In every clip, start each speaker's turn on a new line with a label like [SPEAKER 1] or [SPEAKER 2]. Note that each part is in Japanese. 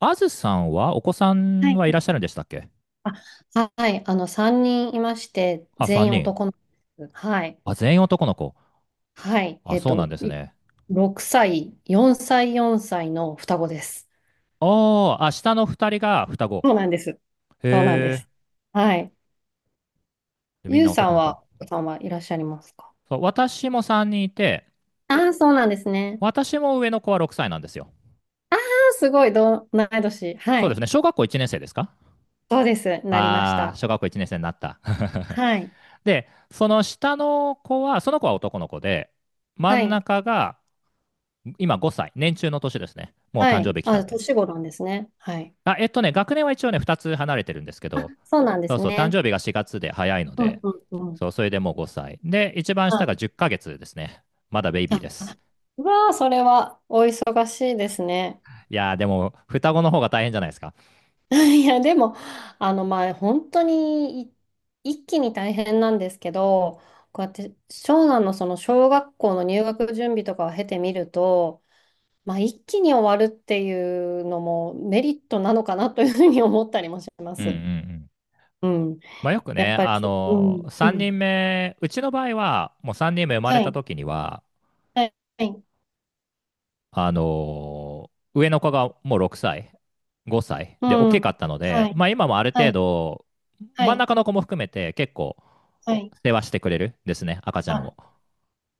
[SPEAKER 1] あずさんは、お子さん
[SPEAKER 2] は
[SPEAKER 1] はいら
[SPEAKER 2] い。
[SPEAKER 1] っしゃるんでしたっけ？
[SPEAKER 2] あ、はい。3人いまして、
[SPEAKER 1] あ、
[SPEAKER 2] 全
[SPEAKER 1] 3
[SPEAKER 2] 員
[SPEAKER 1] 人。
[SPEAKER 2] 男の子です。はい。
[SPEAKER 1] あ、全員男の子。
[SPEAKER 2] はい。
[SPEAKER 1] あ、そうなんですね。
[SPEAKER 2] 6歳、4歳、4歳の双子です。
[SPEAKER 1] おー、あ、下の2人が双子。
[SPEAKER 2] そうなんです。そうなんで
[SPEAKER 1] へ
[SPEAKER 2] す。
[SPEAKER 1] え。
[SPEAKER 2] はい。
[SPEAKER 1] で、みん
[SPEAKER 2] ゆう
[SPEAKER 1] な
[SPEAKER 2] さ
[SPEAKER 1] 男
[SPEAKER 2] ん
[SPEAKER 1] の子。
[SPEAKER 2] は、お子さんはいらっしゃいますか？
[SPEAKER 1] そう、私も3人いて、
[SPEAKER 2] ああー、そうなんですね。
[SPEAKER 1] 私も上の子は6歳なんですよ。
[SPEAKER 2] ああ、すごい、同い年。は
[SPEAKER 1] そうです
[SPEAKER 2] い。
[SPEAKER 1] ね。小学校1年生ですか？
[SPEAKER 2] そうです。なりまし
[SPEAKER 1] ああー、
[SPEAKER 2] た。
[SPEAKER 1] 小学校1年生になった。
[SPEAKER 2] はい。
[SPEAKER 1] で、その下の子は、その子は男の子で、真
[SPEAKER 2] は
[SPEAKER 1] ん
[SPEAKER 2] い。
[SPEAKER 1] 中が今5歳。年中の年ですね。もう
[SPEAKER 2] は
[SPEAKER 1] 誕生
[SPEAKER 2] い。
[SPEAKER 1] 日来た
[SPEAKER 2] あ、
[SPEAKER 1] んで。
[SPEAKER 2] 年頃なんですね。はい。
[SPEAKER 1] あ、学年は一応ね、2つ離れてるんですけ
[SPEAKER 2] あ、
[SPEAKER 1] ど、
[SPEAKER 2] そうなんで
[SPEAKER 1] そう
[SPEAKER 2] す
[SPEAKER 1] そう、誕
[SPEAKER 2] ね。
[SPEAKER 1] 生日が4月で早いの
[SPEAKER 2] うん
[SPEAKER 1] で、
[SPEAKER 2] うんうん。
[SPEAKER 1] そう、それでもう5歳。で、一番
[SPEAKER 2] は
[SPEAKER 1] 下が
[SPEAKER 2] い。
[SPEAKER 1] 10ヶ月ですね。まだベイビー
[SPEAKER 2] あ、
[SPEAKER 1] です。
[SPEAKER 2] うわあ、それはお忙しいですね。
[SPEAKER 1] いやー、でも、双子の方が大変じゃないですか。
[SPEAKER 2] いや、でも、まあ、本当に一気に大変なんですけど、こうやって長男のその小学校の入学準備とかを経てみると、まあ、一気に終わるっていうのもメリットなのかなというふうに思ったりもしま
[SPEAKER 1] うんうんう
[SPEAKER 2] す。
[SPEAKER 1] ん。
[SPEAKER 2] うん。
[SPEAKER 1] まあ、よく
[SPEAKER 2] やっ
[SPEAKER 1] ね、
[SPEAKER 2] ぱり、うん、う
[SPEAKER 1] 3人
[SPEAKER 2] ん。
[SPEAKER 1] 目、うちの場合は、もう3人目生まれ
[SPEAKER 2] は
[SPEAKER 1] た
[SPEAKER 2] い、
[SPEAKER 1] 時には、
[SPEAKER 2] はい、はい、
[SPEAKER 1] 上の子がもう6歳、5歳
[SPEAKER 2] う
[SPEAKER 1] で、大きか
[SPEAKER 2] ん、
[SPEAKER 1] ったの
[SPEAKER 2] は
[SPEAKER 1] で、ま
[SPEAKER 2] い、
[SPEAKER 1] あ、今もある
[SPEAKER 2] は
[SPEAKER 1] 程
[SPEAKER 2] い、
[SPEAKER 1] 度、
[SPEAKER 2] は
[SPEAKER 1] 真ん
[SPEAKER 2] い、
[SPEAKER 1] 中の子も含めて結構、
[SPEAKER 2] はい。
[SPEAKER 1] 世話してくれるですね、赤ちゃんを。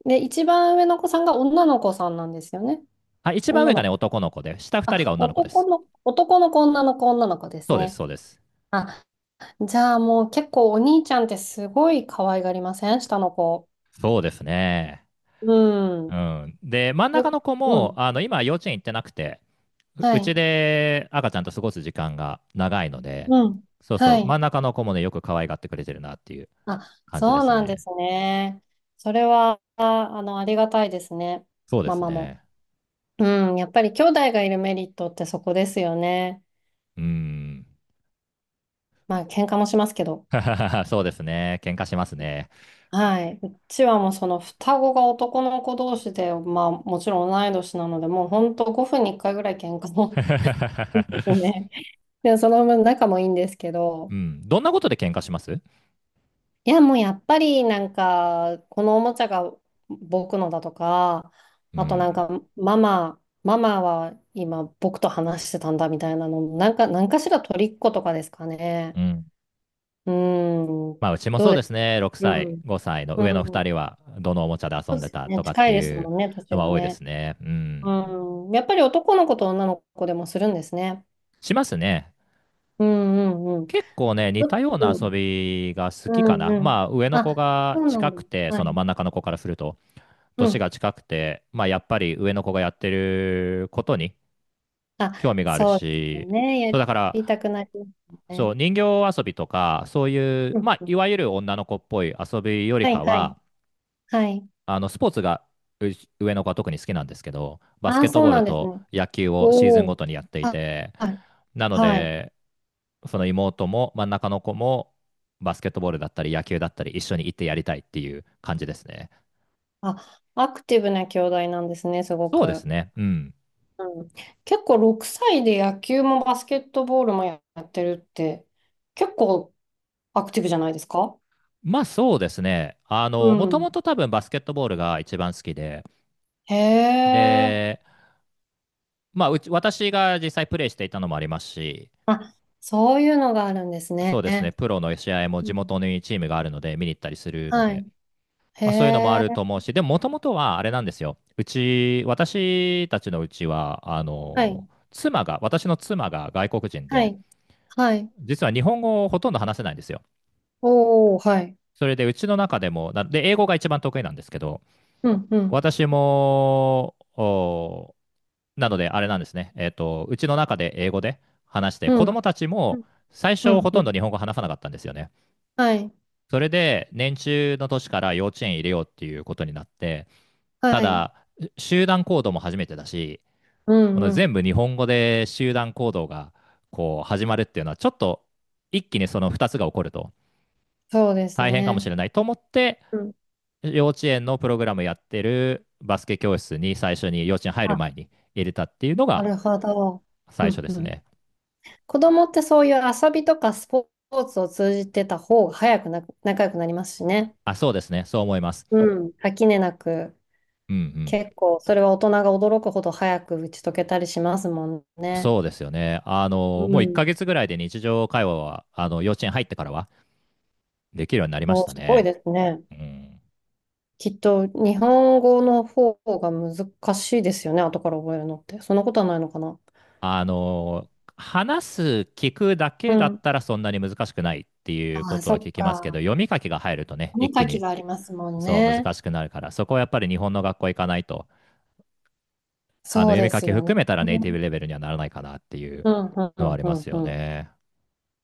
[SPEAKER 2] で、一番上の子さんが女の子さんなんですよね。
[SPEAKER 1] あ、一番
[SPEAKER 2] 女
[SPEAKER 1] 上が
[SPEAKER 2] の
[SPEAKER 1] ね、
[SPEAKER 2] 子。
[SPEAKER 1] 男の子で、下2人が
[SPEAKER 2] あ、
[SPEAKER 1] 女の子で
[SPEAKER 2] 男
[SPEAKER 1] す。
[SPEAKER 2] の、男の子、女の子、女の子です
[SPEAKER 1] そうです、
[SPEAKER 2] ね。
[SPEAKER 1] そうです。
[SPEAKER 2] あ、じゃあもう結構お兄ちゃんってすごい可愛がりません下の子？
[SPEAKER 1] そうですね。
[SPEAKER 2] うん。
[SPEAKER 1] うん。で、真ん
[SPEAKER 2] よ、
[SPEAKER 1] 中の子
[SPEAKER 2] う
[SPEAKER 1] も、
[SPEAKER 2] ん。
[SPEAKER 1] 今、幼稚園行ってなくて、う
[SPEAKER 2] は
[SPEAKER 1] う
[SPEAKER 2] い。
[SPEAKER 1] ちで赤ちゃんと過ごす時間が長いので、
[SPEAKER 2] うん。
[SPEAKER 1] そうそ
[SPEAKER 2] は
[SPEAKER 1] う、真
[SPEAKER 2] い。
[SPEAKER 1] ん中の子もね、よく可愛がってくれてるなっていう
[SPEAKER 2] あ、
[SPEAKER 1] 感じ
[SPEAKER 2] そ
[SPEAKER 1] で
[SPEAKER 2] う
[SPEAKER 1] す
[SPEAKER 2] なんで
[SPEAKER 1] ね。
[SPEAKER 2] すね。それは、あ、ありがたいですね。
[SPEAKER 1] そうで
[SPEAKER 2] マ
[SPEAKER 1] す
[SPEAKER 2] マも。
[SPEAKER 1] ね。
[SPEAKER 2] うん。やっぱり兄弟がいるメリットってそこですよね。
[SPEAKER 1] うん。
[SPEAKER 2] まあ、喧嘩もしますけど。
[SPEAKER 1] そうですね。喧嘩しますね。
[SPEAKER 2] はい。うちはもうその双子が男の子同士で、まあもちろん同い年なので、もう本当5分に1回ぐらい喧嘩もです ね。で、その分仲もいいんですけ
[SPEAKER 1] う
[SPEAKER 2] ど、
[SPEAKER 1] ん。どんなことで喧嘩します？
[SPEAKER 2] いやもうやっぱりなんか、このおもちゃが僕のだとか、
[SPEAKER 1] う
[SPEAKER 2] あとなん
[SPEAKER 1] ん。
[SPEAKER 2] かママは今僕と話してたんだみたいなの、なんか、何かしら取りっことかですか
[SPEAKER 1] う
[SPEAKER 2] ね。
[SPEAKER 1] ん。
[SPEAKER 2] うん。
[SPEAKER 1] まあ、うちも
[SPEAKER 2] ど
[SPEAKER 1] そ
[SPEAKER 2] う
[SPEAKER 1] う
[SPEAKER 2] で
[SPEAKER 1] です
[SPEAKER 2] す？
[SPEAKER 1] ね。6
[SPEAKER 2] う
[SPEAKER 1] 歳、
[SPEAKER 2] ん。
[SPEAKER 1] 5歳の
[SPEAKER 2] う
[SPEAKER 1] 上の2人
[SPEAKER 2] ん。
[SPEAKER 1] は、どのおもちゃで遊
[SPEAKER 2] そ
[SPEAKER 1] ん
[SPEAKER 2] うで
[SPEAKER 1] で
[SPEAKER 2] す
[SPEAKER 1] た
[SPEAKER 2] よ
[SPEAKER 1] と
[SPEAKER 2] ね。
[SPEAKER 1] かっ
[SPEAKER 2] 近
[SPEAKER 1] て
[SPEAKER 2] いです
[SPEAKER 1] いう
[SPEAKER 2] もんね、年
[SPEAKER 1] のは
[SPEAKER 2] が
[SPEAKER 1] 多いで
[SPEAKER 2] ね。
[SPEAKER 1] すね。うん。
[SPEAKER 2] うん、やっぱり男の子と女の子でもするんですね。
[SPEAKER 1] しますね。
[SPEAKER 2] うんうんうん。
[SPEAKER 1] 結構ね、似
[SPEAKER 2] う
[SPEAKER 1] たような遊
[SPEAKER 2] ん
[SPEAKER 1] びが好き
[SPEAKER 2] う
[SPEAKER 1] か
[SPEAKER 2] ん
[SPEAKER 1] な。
[SPEAKER 2] うん。
[SPEAKER 1] まあ、上の
[SPEAKER 2] あ、
[SPEAKER 1] 子
[SPEAKER 2] そ
[SPEAKER 1] が
[SPEAKER 2] うなん
[SPEAKER 1] 近
[SPEAKER 2] だ。
[SPEAKER 1] くて、
[SPEAKER 2] は
[SPEAKER 1] そ
[SPEAKER 2] い。
[SPEAKER 1] の真ん中の子からすると、
[SPEAKER 2] う
[SPEAKER 1] 年
[SPEAKER 2] ん。
[SPEAKER 1] が近くて、まあ、やっぱり上の子がやってることに
[SPEAKER 2] あ、
[SPEAKER 1] 興味がある
[SPEAKER 2] そうですよ
[SPEAKER 1] し、
[SPEAKER 2] ね。
[SPEAKER 1] そ
[SPEAKER 2] や
[SPEAKER 1] うだか
[SPEAKER 2] りた
[SPEAKER 1] ら、
[SPEAKER 2] くなります
[SPEAKER 1] そ
[SPEAKER 2] ね。
[SPEAKER 1] う、人形遊びとか、そういう、
[SPEAKER 2] うん
[SPEAKER 1] まあ、
[SPEAKER 2] う
[SPEAKER 1] い
[SPEAKER 2] ん。
[SPEAKER 1] わゆる女の子っぽい遊びより
[SPEAKER 2] はい
[SPEAKER 1] か
[SPEAKER 2] はい。
[SPEAKER 1] は、
[SPEAKER 2] はい。
[SPEAKER 1] スポーツがう上の子は特に好きなんですけど、バス
[SPEAKER 2] あ
[SPEAKER 1] ケ
[SPEAKER 2] あ、
[SPEAKER 1] ット
[SPEAKER 2] そう
[SPEAKER 1] ボー
[SPEAKER 2] な
[SPEAKER 1] ル
[SPEAKER 2] んです
[SPEAKER 1] と
[SPEAKER 2] ね。
[SPEAKER 1] 野球をシー
[SPEAKER 2] お
[SPEAKER 1] ズンご
[SPEAKER 2] お。
[SPEAKER 1] とにやってい
[SPEAKER 2] あ、
[SPEAKER 1] て、
[SPEAKER 2] はい。
[SPEAKER 1] なの
[SPEAKER 2] はい。
[SPEAKER 1] で、その妹も真ん中の子もバスケットボールだったり野球だったり一緒に行ってやりたいっていう感じですね。
[SPEAKER 2] あ、アクティブな兄弟なんですね、すご
[SPEAKER 1] そうです
[SPEAKER 2] く。
[SPEAKER 1] ね。うん。
[SPEAKER 2] うん。結構6歳で野球もバスケットボールもやってるって、結構アクティブじゃないですか？
[SPEAKER 1] まあそうですね。あ
[SPEAKER 2] う
[SPEAKER 1] の、もとも
[SPEAKER 2] ん。
[SPEAKER 1] と多分バスケットボールが一番好きで、
[SPEAKER 2] へえ。
[SPEAKER 1] で、まあうち、私が実際プレイしていたのもありますし、
[SPEAKER 2] あ、そういうのがあるんです
[SPEAKER 1] そ
[SPEAKER 2] ね。
[SPEAKER 1] うですね、プロの試合も
[SPEAKER 2] う
[SPEAKER 1] 地
[SPEAKER 2] ん。
[SPEAKER 1] 元にチームがあるので見に行ったりするの
[SPEAKER 2] は
[SPEAKER 1] で、
[SPEAKER 2] い。へ
[SPEAKER 1] まあそういうのもあ
[SPEAKER 2] え。
[SPEAKER 1] ると思うし、でももともとはあれなんですよ。うち、私たちのうちは、
[SPEAKER 2] はい。
[SPEAKER 1] 妻が、私の妻が外国人
[SPEAKER 2] は
[SPEAKER 1] で、
[SPEAKER 2] い。はい。
[SPEAKER 1] 実は日本語をほとんど話せないんですよ。
[SPEAKER 2] おー、はい。
[SPEAKER 1] それでうちの中でも、なで英語が一番得意なんですけど、
[SPEAKER 2] うん、うん、
[SPEAKER 1] 私も、なのであれなんですね、うちの中で英語で話して、
[SPEAKER 2] う
[SPEAKER 1] 子
[SPEAKER 2] ん、
[SPEAKER 1] 供たち
[SPEAKER 2] う
[SPEAKER 1] も
[SPEAKER 2] ん、
[SPEAKER 1] 最
[SPEAKER 2] う
[SPEAKER 1] 初ほ
[SPEAKER 2] ん。う
[SPEAKER 1] とんど
[SPEAKER 2] ん、
[SPEAKER 1] 日本語話さなかったんですよね。
[SPEAKER 2] はい。
[SPEAKER 1] それで年中の年から幼稚園入れようっていうことになって、
[SPEAKER 2] は
[SPEAKER 1] た
[SPEAKER 2] い。
[SPEAKER 1] だ集団行動も初めてだし、
[SPEAKER 2] う
[SPEAKER 1] こ
[SPEAKER 2] ん、
[SPEAKER 1] の
[SPEAKER 2] う
[SPEAKER 1] 全
[SPEAKER 2] ん。
[SPEAKER 1] 部日本語で集団行動がこう始まるっていうのはちょっと一気にその二つが起こると
[SPEAKER 2] そうです
[SPEAKER 1] 大変かもし
[SPEAKER 2] ね。
[SPEAKER 1] れないと思って
[SPEAKER 2] うん。
[SPEAKER 1] 幼稚園のプログラムやってるバスケ教室に最初に幼稚園入る
[SPEAKER 2] あ、
[SPEAKER 1] 前に入れたっていうの
[SPEAKER 2] な
[SPEAKER 1] が
[SPEAKER 2] るほど。う
[SPEAKER 1] 最初
[SPEAKER 2] ん、
[SPEAKER 1] で
[SPEAKER 2] う
[SPEAKER 1] す
[SPEAKER 2] ん。
[SPEAKER 1] ね。
[SPEAKER 2] 子供ってそういう遊びとかスポーツを通じてた方が早くな、仲良くなりますしね。
[SPEAKER 1] あ、そうですね。そう思います。
[SPEAKER 2] うん。垣根なく。
[SPEAKER 1] うんうん。
[SPEAKER 2] 結構、それは大人が驚くほど早く打ち解けたりしますもんね。
[SPEAKER 1] そうですよね。あ
[SPEAKER 2] う
[SPEAKER 1] の、もう1
[SPEAKER 2] ん。
[SPEAKER 1] ヶ月ぐらいで日常会話は、幼稚園入ってからはできるようになりまし
[SPEAKER 2] お、
[SPEAKER 1] た
[SPEAKER 2] すごい
[SPEAKER 1] ね。
[SPEAKER 2] ですね。
[SPEAKER 1] うん。
[SPEAKER 2] きっと、日本語の方が難しいですよね。後から覚えるのって。そんなことはないのかな。
[SPEAKER 1] あの、話す、聞くだ
[SPEAKER 2] う
[SPEAKER 1] けだっ
[SPEAKER 2] ん。
[SPEAKER 1] たらそんなに難しくないっていう
[SPEAKER 2] あ
[SPEAKER 1] こ
[SPEAKER 2] あ、
[SPEAKER 1] と
[SPEAKER 2] そ
[SPEAKER 1] は
[SPEAKER 2] っ
[SPEAKER 1] 聞きますけど、
[SPEAKER 2] か。
[SPEAKER 1] 読み書きが入るとね、
[SPEAKER 2] 読
[SPEAKER 1] 一
[SPEAKER 2] み
[SPEAKER 1] 気
[SPEAKER 2] 書き
[SPEAKER 1] に
[SPEAKER 2] がありますもん
[SPEAKER 1] そう
[SPEAKER 2] ね。
[SPEAKER 1] 難しくなるから、そこはやっぱり日本の学校行かないとあの、
[SPEAKER 2] そう
[SPEAKER 1] 読み
[SPEAKER 2] で
[SPEAKER 1] 書
[SPEAKER 2] す
[SPEAKER 1] き
[SPEAKER 2] よね。
[SPEAKER 1] 含めたらネ
[SPEAKER 2] う
[SPEAKER 1] イティブ
[SPEAKER 2] ん、
[SPEAKER 1] レベルにはならないかなっていう
[SPEAKER 2] うん、うん、
[SPEAKER 1] のはあり
[SPEAKER 2] う
[SPEAKER 1] ます
[SPEAKER 2] ん。
[SPEAKER 1] よ
[SPEAKER 2] うん。
[SPEAKER 1] ね。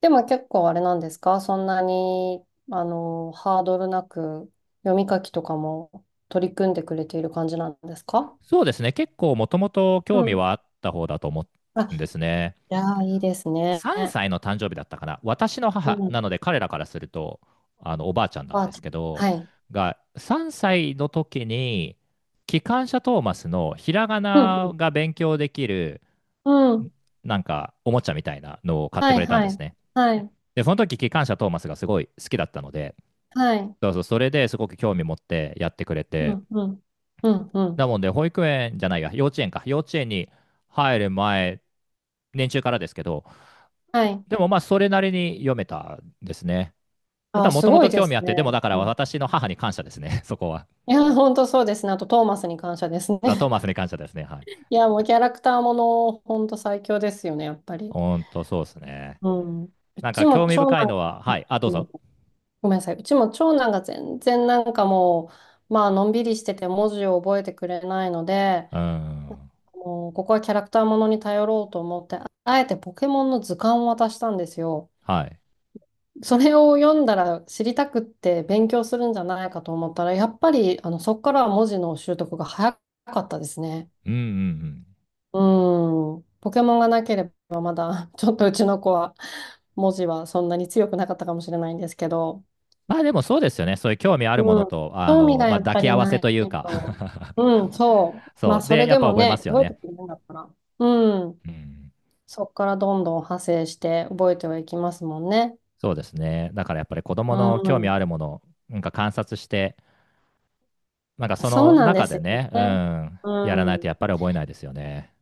[SPEAKER 2] でも結構あれなんですかそんなに、ハードルなく読み書きとかも取り組んでくれている感じなんですか？
[SPEAKER 1] そうですね。結構もともと
[SPEAKER 2] う
[SPEAKER 1] 興味
[SPEAKER 2] ん。
[SPEAKER 1] はあった方だと思
[SPEAKER 2] あ、
[SPEAKER 1] うんですね。
[SPEAKER 2] いやー、いいですね。
[SPEAKER 1] 3歳の誕生日だったかな。私の
[SPEAKER 2] う
[SPEAKER 1] 母
[SPEAKER 2] ん。
[SPEAKER 1] なので彼らからすると、おばあちゃんなん
[SPEAKER 2] パー
[SPEAKER 1] で
[SPEAKER 2] テ
[SPEAKER 1] す
[SPEAKER 2] ィー。
[SPEAKER 1] けど、
[SPEAKER 2] はい。
[SPEAKER 1] が、3歳の時に、機関車トーマスのひらが
[SPEAKER 2] うん、
[SPEAKER 1] な
[SPEAKER 2] う
[SPEAKER 1] が勉強できる、
[SPEAKER 2] ん。うん。
[SPEAKER 1] なんか、おもちゃみたいなのを買って
[SPEAKER 2] は
[SPEAKER 1] く
[SPEAKER 2] い、
[SPEAKER 1] れたん
[SPEAKER 2] は
[SPEAKER 1] です
[SPEAKER 2] い。
[SPEAKER 1] ね。
[SPEAKER 2] はい。
[SPEAKER 1] で、その時、機関車トーマスがすごい好きだったので、
[SPEAKER 2] はい。
[SPEAKER 1] そうそう、それですごく興味持ってやってくれ
[SPEAKER 2] う
[SPEAKER 1] て。
[SPEAKER 2] ん、うん。うん、うん。
[SPEAKER 1] なので、保育園じゃないや、幼稚園か。幼稚園に入る前、年中からですけど、
[SPEAKER 2] はい。
[SPEAKER 1] でもまあ、それなりに読めたんですね。た
[SPEAKER 2] あー、
[SPEAKER 1] だ、も
[SPEAKER 2] す
[SPEAKER 1] とも
[SPEAKER 2] ごい
[SPEAKER 1] と
[SPEAKER 2] で
[SPEAKER 1] 興味
[SPEAKER 2] す
[SPEAKER 1] あって、でも
[SPEAKER 2] ね。
[SPEAKER 1] だから
[SPEAKER 2] うん。
[SPEAKER 1] 私の母に感謝ですね、そこは。
[SPEAKER 2] いや本当そうですね。あと、トーマスに感謝ですね。
[SPEAKER 1] ザ・トーマスに感謝ですね。はい。
[SPEAKER 2] いやもうキャラクターもの、本当最強ですよね、やっぱり。
[SPEAKER 1] ほんと、そうですね。
[SPEAKER 2] うん。う
[SPEAKER 1] なん
[SPEAKER 2] ち
[SPEAKER 1] か
[SPEAKER 2] も
[SPEAKER 1] 興味
[SPEAKER 2] 長
[SPEAKER 1] 深いの
[SPEAKER 2] 男、
[SPEAKER 1] は、はい。あ、どう
[SPEAKER 2] う
[SPEAKER 1] ぞ。
[SPEAKER 2] ん。ごめんなさい。うちも長男が全然なんかもう、まあ、のんびりしてて文字を覚えてくれないので、
[SPEAKER 1] うーん。
[SPEAKER 2] もうここはキャラクターものに頼ろうと思って、あえてポケモンの図鑑を渡したんですよ。
[SPEAKER 1] はい。
[SPEAKER 2] それを読んだら知りたくって勉強するんじゃないかと思ったら、やっぱりそこからは文字の習得が早かったですね。
[SPEAKER 1] うんうんうん。
[SPEAKER 2] うん。ポケモンがなければまだ ちょっとうちの子は文字はそんなに強くなかったかもしれないんですけど、
[SPEAKER 1] まあでもそうですよね。そういう興味あるも
[SPEAKER 2] う
[SPEAKER 1] の
[SPEAKER 2] ん。
[SPEAKER 1] と、
[SPEAKER 2] 興味が
[SPEAKER 1] まあ
[SPEAKER 2] やっ
[SPEAKER 1] 抱
[SPEAKER 2] ぱ
[SPEAKER 1] き
[SPEAKER 2] り
[SPEAKER 1] 合わ
[SPEAKER 2] な
[SPEAKER 1] せ
[SPEAKER 2] い
[SPEAKER 1] というか。
[SPEAKER 2] と。うん、そ う。ま
[SPEAKER 1] そ
[SPEAKER 2] あ
[SPEAKER 1] う。
[SPEAKER 2] そ
[SPEAKER 1] で、
[SPEAKER 2] れ
[SPEAKER 1] やっ
[SPEAKER 2] で
[SPEAKER 1] ぱ
[SPEAKER 2] も
[SPEAKER 1] 覚えま
[SPEAKER 2] ね、
[SPEAKER 1] すよ
[SPEAKER 2] 覚え
[SPEAKER 1] ね。
[SPEAKER 2] てくれるんだったら。うん。
[SPEAKER 1] うん。
[SPEAKER 2] そこからどんどん派生して覚えてはいきますもんね。
[SPEAKER 1] そうですね。だからやっぱり子
[SPEAKER 2] う
[SPEAKER 1] 供の興味
[SPEAKER 2] ん。
[SPEAKER 1] あるもの、なんか観察して、なんかそ
[SPEAKER 2] そう
[SPEAKER 1] の
[SPEAKER 2] なんで
[SPEAKER 1] 中
[SPEAKER 2] す
[SPEAKER 1] で
[SPEAKER 2] よ
[SPEAKER 1] ね、う
[SPEAKER 2] ね。
[SPEAKER 1] ん、やら
[SPEAKER 2] う
[SPEAKER 1] ないとやっ
[SPEAKER 2] ん。
[SPEAKER 1] ぱり覚えないですよね。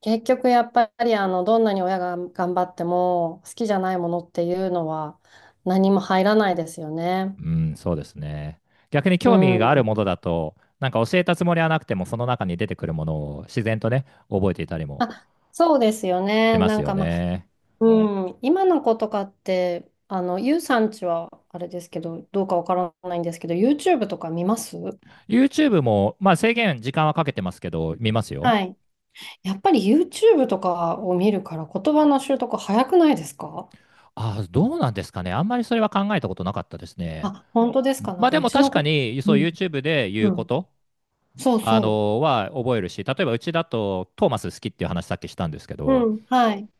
[SPEAKER 2] 結局やっぱりどんなに親が頑張っても好きじゃないものっていうのは何も入らないですよね。
[SPEAKER 1] うん、そうですね。逆に
[SPEAKER 2] う
[SPEAKER 1] 興味がある
[SPEAKER 2] ん。
[SPEAKER 1] ものだと、なんか教えたつもりはなくても、その中に出てくるものを自然とね、覚えていたりも
[SPEAKER 2] あ、そうですよ
[SPEAKER 1] し
[SPEAKER 2] ね。
[SPEAKER 1] ま
[SPEAKER 2] な
[SPEAKER 1] す
[SPEAKER 2] ん
[SPEAKER 1] よ
[SPEAKER 2] かまあ、
[SPEAKER 1] ね。
[SPEAKER 2] うん。今の子とかって、ゆうさんちはあれですけど、どうかわからないんですけど、YouTube とか見ます？
[SPEAKER 1] YouTube も、まあ制限、時間はかけてますけど、見ますよ。
[SPEAKER 2] はい。やっぱり YouTube とかを見るから言葉の習得早くないですか？
[SPEAKER 1] ああ、どうなんですかね。あんまりそれは考えたことなかったですね。
[SPEAKER 2] あ、本当ですか？なん
[SPEAKER 1] まあ
[SPEAKER 2] か
[SPEAKER 1] で
[SPEAKER 2] う
[SPEAKER 1] も
[SPEAKER 2] ち
[SPEAKER 1] 確
[SPEAKER 2] の
[SPEAKER 1] か
[SPEAKER 2] 子、
[SPEAKER 1] に、
[SPEAKER 2] う
[SPEAKER 1] そう
[SPEAKER 2] ん、
[SPEAKER 1] YouTube で言
[SPEAKER 2] う
[SPEAKER 1] うこ
[SPEAKER 2] ん。
[SPEAKER 1] と
[SPEAKER 2] そう
[SPEAKER 1] あ
[SPEAKER 2] そ
[SPEAKER 1] のは覚えるし、例えばうちだとトーマス好きっていう話さっきしたんですけ
[SPEAKER 2] う。う
[SPEAKER 1] ど、
[SPEAKER 2] ん、はい。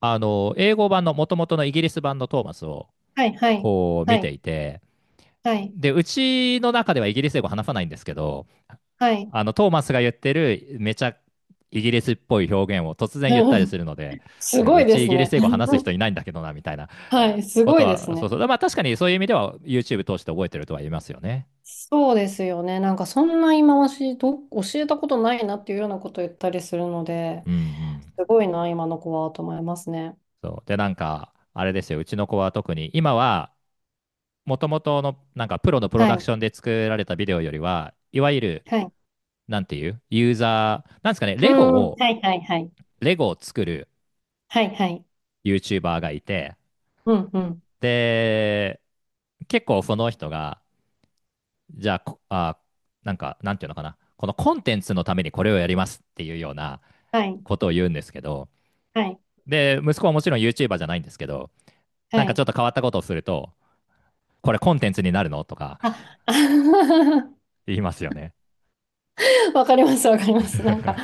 [SPEAKER 1] あの英語版の元々のイギリス版のトーマスを
[SPEAKER 2] はい、はい、
[SPEAKER 1] こう
[SPEAKER 2] は
[SPEAKER 1] 見て
[SPEAKER 2] い、
[SPEAKER 1] いて、
[SPEAKER 2] はい、
[SPEAKER 1] で、うちの中ではイギリス英語話さないんですけど、
[SPEAKER 2] はい。
[SPEAKER 1] あのトーマスが言ってるめちゃイギリスっぽい表現を突然言っ
[SPEAKER 2] う
[SPEAKER 1] たり
[SPEAKER 2] ん、
[SPEAKER 1] するので、
[SPEAKER 2] すご
[SPEAKER 1] う
[SPEAKER 2] いで
[SPEAKER 1] ちイ
[SPEAKER 2] す
[SPEAKER 1] ギリス
[SPEAKER 2] ね。
[SPEAKER 1] 英語話す人 いないんだけどなみたいな
[SPEAKER 2] はい、す
[SPEAKER 1] こ
[SPEAKER 2] ご
[SPEAKER 1] と
[SPEAKER 2] いです
[SPEAKER 1] は、そう
[SPEAKER 2] ね。
[SPEAKER 1] そう、まあ確かにそういう意味では YouTube 通して覚えてるとは言いますよね。
[SPEAKER 2] そうですよね。なんかそんな今ましど、教えたことないなっていうようなことを言ったりするので、
[SPEAKER 1] うんうん。
[SPEAKER 2] すごいな、今の子はと思いますね。
[SPEAKER 1] そうで、なんか、あれですよ、うちの子は特に今はもともとのなんかプロのプロ
[SPEAKER 2] は
[SPEAKER 1] ダク
[SPEAKER 2] い、
[SPEAKER 1] ションで作られたビデオよりは、いわゆる、
[SPEAKER 2] はい。
[SPEAKER 1] なんていうユーザー、なんですかね、
[SPEAKER 2] う
[SPEAKER 1] レゴ
[SPEAKER 2] ん、うん、
[SPEAKER 1] を、
[SPEAKER 2] はい、はい、はい。
[SPEAKER 1] 作る
[SPEAKER 2] はい、はい。
[SPEAKER 1] YouTuber がいて、
[SPEAKER 2] うん、うん。
[SPEAKER 1] で、結構その人が、じゃあ、こあ、なんか、なんていうのかな、このコンテンツのためにこれをやりますっていうような
[SPEAKER 2] はい、
[SPEAKER 1] ことを言うんですけど、
[SPEAKER 2] はい。
[SPEAKER 1] で、息子はもちろん YouTuber じゃないんですけど、
[SPEAKER 2] は
[SPEAKER 1] なんかち
[SPEAKER 2] い。
[SPEAKER 1] ょっと変わったことをすると、これコンテンツになるのとか
[SPEAKER 2] あ、
[SPEAKER 1] 言いますよね。
[SPEAKER 2] わかります、わかります。なんか、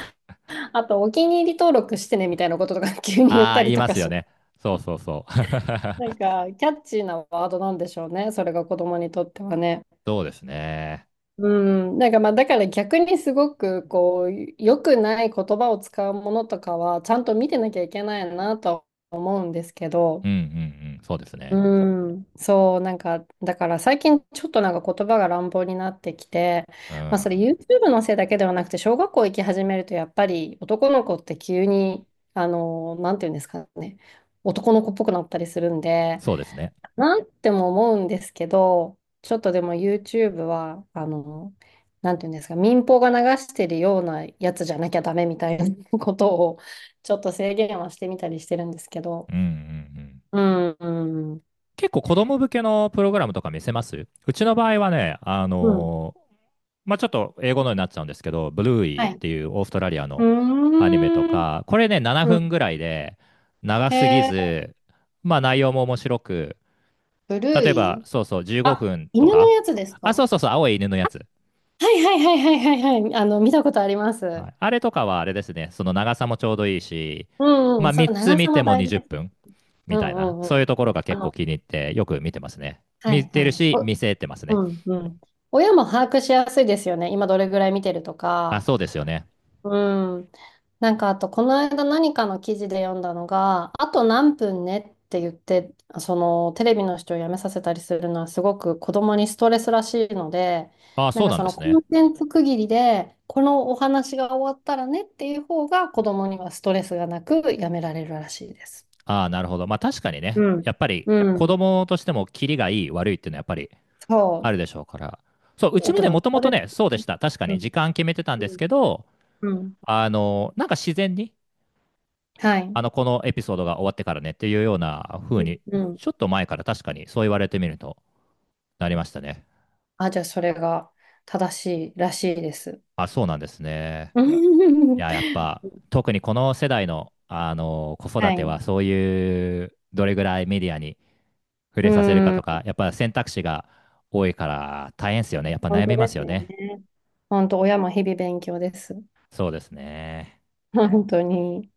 [SPEAKER 2] あと、お気に入り登録してねみたいなこととか 急に言っ
[SPEAKER 1] あ
[SPEAKER 2] た
[SPEAKER 1] あ、言
[SPEAKER 2] り
[SPEAKER 1] い
[SPEAKER 2] と
[SPEAKER 1] ま
[SPEAKER 2] か
[SPEAKER 1] す
[SPEAKER 2] し
[SPEAKER 1] よ
[SPEAKER 2] ま
[SPEAKER 1] ね。
[SPEAKER 2] す。
[SPEAKER 1] そうそうそう。
[SPEAKER 2] なんか、キャッチーなワードなんでしょうね。それが子供にとってはね。
[SPEAKER 1] そうですね。
[SPEAKER 2] うん。なんか、まあ、だから逆にすごく、こう、良くない言葉を使うものとかは、ちゃんと見てなきゃいけないなとは思うんですけ
[SPEAKER 1] う
[SPEAKER 2] ど、
[SPEAKER 1] んうんうん。そうですね。
[SPEAKER 2] うん、そう、なんか、だから最近ちょっとなんか言葉が乱暴になってきて、
[SPEAKER 1] う
[SPEAKER 2] まあそれ
[SPEAKER 1] ん。
[SPEAKER 2] YouTube のせいだけではなくて、小学校行き始めるとやっぱり男の子って急に、なんていうんですかね、男の子っぽくなったりするんで、
[SPEAKER 1] そうですね。
[SPEAKER 2] なんても思うんですけど、ちょっとでも YouTube は、なんていうんですか、民放が流してるようなやつじゃなきゃダメみたいなことを、ちょっと制限はしてみたりしてるんですけ
[SPEAKER 1] う
[SPEAKER 2] ど、
[SPEAKER 1] んうんうん。
[SPEAKER 2] うん、うん、
[SPEAKER 1] 結構子供向けのプログラムとか見せますうちの場合はね、
[SPEAKER 2] うん。
[SPEAKER 1] まあ、ちょっと英語のになっちゃうんですけど、ブルーイ
[SPEAKER 2] は
[SPEAKER 1] ーっ
[SPEAKER 2] い。
[SPEAKER 1] ていうオーストラリア
[SPEAKER 2] う
[SPEAKER 1] のアニメと
[SPEAKER 2] ーん。
[SPEAKER 1] か、これね、7
[SPEAKER 2] う
[SPEAKER 1] 分
[SPEAKER 2] ん。
[SPEAKER 1] ぐらいで長
[SPEAKER 2] へ
[SPEAKER 1] すぎ
[SPEAKER 2] え、
[SPEAKER 1] ず、まあ内容も面白く、
[SPEAKER 2] ブルー
[SPEAKER 1] 例えば、
[SPEAKER 2] イ、
[SPEAKER 1] そうそう、15
[SPEAKER 2] あ、
[SPEAKER 1] 分と
[SPEAKER 2] 犬の
[SPEAKER 1] か、
[SPEAKER 2] やつですか？
[SPEAKER 1] あ、そ
[SPEAKER 2] は
[SPEAKER 1] うそうそう、青い犬のやつ。
[SPEAKER 2] いはいはいはいはいはい。見たことありま
[SPEAKER 1] は
[SPEAKER 2] す。
[SPEAKER 1] い、あれとかはあれですね、その長さもちょうどいいし、
[SPEAKER 2] うんう
[SPEAKER 1] まあ
[SPEAKER 2] ん。そ
[SPEAKER 1] 3
[SPEAKER 2] う、
[SPEAKER 1] つ
[SPEAKER 2] 長
[SPEAKER 1] 見
[SPEAKER 2] さ
[SPEAKER 1] て
[SPEAKER 2] も
[SPEAKER 1] も
[SPEAKER 2] 大事
[SPEAKER 1] 20
[SPEAKER 2] です。
[SPEAKER 1] 分
[SPEAKER 2] う
[SPEAKER 1] みたい
[SPEAKER 2] ん
[SPEAKER 1] な、
[SPEAKER 2] うん
[SPEAKER 1] そ
[SPEAKER 2] う
[SPEAKER 1] ういう
[SPEAKER 2] ん。
[SPEAKER 1] ところが
[SPEAKER 2] あ
[SPEAKER 1] 結構
[SPEAKER 2] の、
[SPEAKER 1] 気に入ってよく見てますね。
[SPEAKER 2] は
[SPEAKER 1] 見
[SPEAKER 2] い
[SPEAKER 1] て
[SPEAKER 2] は
[SPEAKER 1] る
[SPEAKER 2] い。
[SPEAKER 1] し、見
[SPEAKER 2] お、
[SPEAKER 1] せてますね。
[SPEAKER 2] うんうん。親も把握しやすいですよね。今どれぐらい見てると
[SPEAKER 1] あ、
[SPEAKER 2] か。
[SPEAKER 1] そうですよね。
[SPEAKER 2] うん。なんかあと、この間何かの記事で読んだのが、あと何分ねって言って、そのテレビの視聴をやめさせたりするのはすごく子供にストレスらしいので、
[SPEAKER 1] あ、
[SPEAKER 2] なん
[SPEAKER 1] そう
[SPEAKER 2] か
[SPEAKER 1] なん
[SPEAKER 2] そ
[SPEAKER 1] で
[SPEAKER 2] の
[SPEAKER 1] す
[SPEAKER 2] コ
[SPEAKER 1] ね。
[SPEAKER 2] ンテンツ区切りで、このお話が終わったらねっていう方が子供にはストレスがなくやめられるらしいです。
[SPEAKER 1] あ、なるほど。まあ確かにね、
[SPEAKER 2] うん。
[SPEAKER 1] やっぱり
[SPEAKER 2] う
[SPEAKER 1] 子
[SPEAKER 2] ん。
[SPEAKER 1] 供としてもキリがいい悪いっていうのはやっぱり
[SPEAKER 2] そ
[SPEAKER 1] あ
[SPEAKER 2] う。
[SPEAKER 1] るでしょうから。そう、うち
[SPEAKER 2] 大
[SPEAKER 1] もね、
[SPEAKER 2] 人
[SPEAKER 1] も
[SPEAKER 2] も
[SPEAKER 1] とも
[SPEAKER 2] そう
[SPEAKER 1] と
[SPEAKER 2] で
[SPEAKER 1] ね、
[SPEAKER 2] す
[SPEAKER 1] そうで
[SPEAKER 2] ね。
[SPEAKER 1] した。確か
[SPEAKER 2] う
[SPEAKER 1] に
[SPEAKER 2] ん。
[SPEAKER 1] 時間決めてたん
[SPEAKER 2] う
[SPEAKER 1] です
[SPEAKER 2] ん。
[SPEAKER 1] けど、
[SPEAKER 2] うん、
[SPEAKER 1] なんか自然に、
[SPEAKER 2] はい。
[SPEAKER 1] このエピソードが終わってからねっていうような
[SPEAKER 2] う
[SPEAKER 1] 風に、
[SPEAKER 2] ん。うん、
[SPEAKER 1] ちょっと前から確かにそう言われてみると、なりましたね。
[SPEAKER 2] あ、じゃあそれが正しいらしいです。
[SPEAKER 1] あ、そうなんですね。
[SPEAKER 2] う
[SPEAKER 1] い
[SPEAKER 2] ん
[SPEAKER 1] や、やっぱ、特にこの世代の、子
[SPEAKER 2] は
[SPEAKER 1] 育て
[SPEAKER 2] い。
[SPEAKER 1] は、そういう、どれぐらいメディアに触
[SPEAKER 2] う
[SPEAKER 1] れさせるかと
[SPEAKER 2] ん。
[SPEAKER 1] か、やっぱ選択肢が多いから大変ですよね。やっぱ
[SPEAKER 2] 本
[SPEAKER 1] 悩
[SPEAKER 2] 当
[SPEAKER 1] みま
[SPEAKER 2] で
[SPEAKER 1] す
[SPEAKER 2] す
[SPEAKER 1] よ
[SPEAKER 2] よ
[SPEAKER 1] ね。
[SPEAKER 2] ね。本当、親も日々勉強です。
[SPEAKER 1] そうですね。
[SPEAKER 2] 本当に。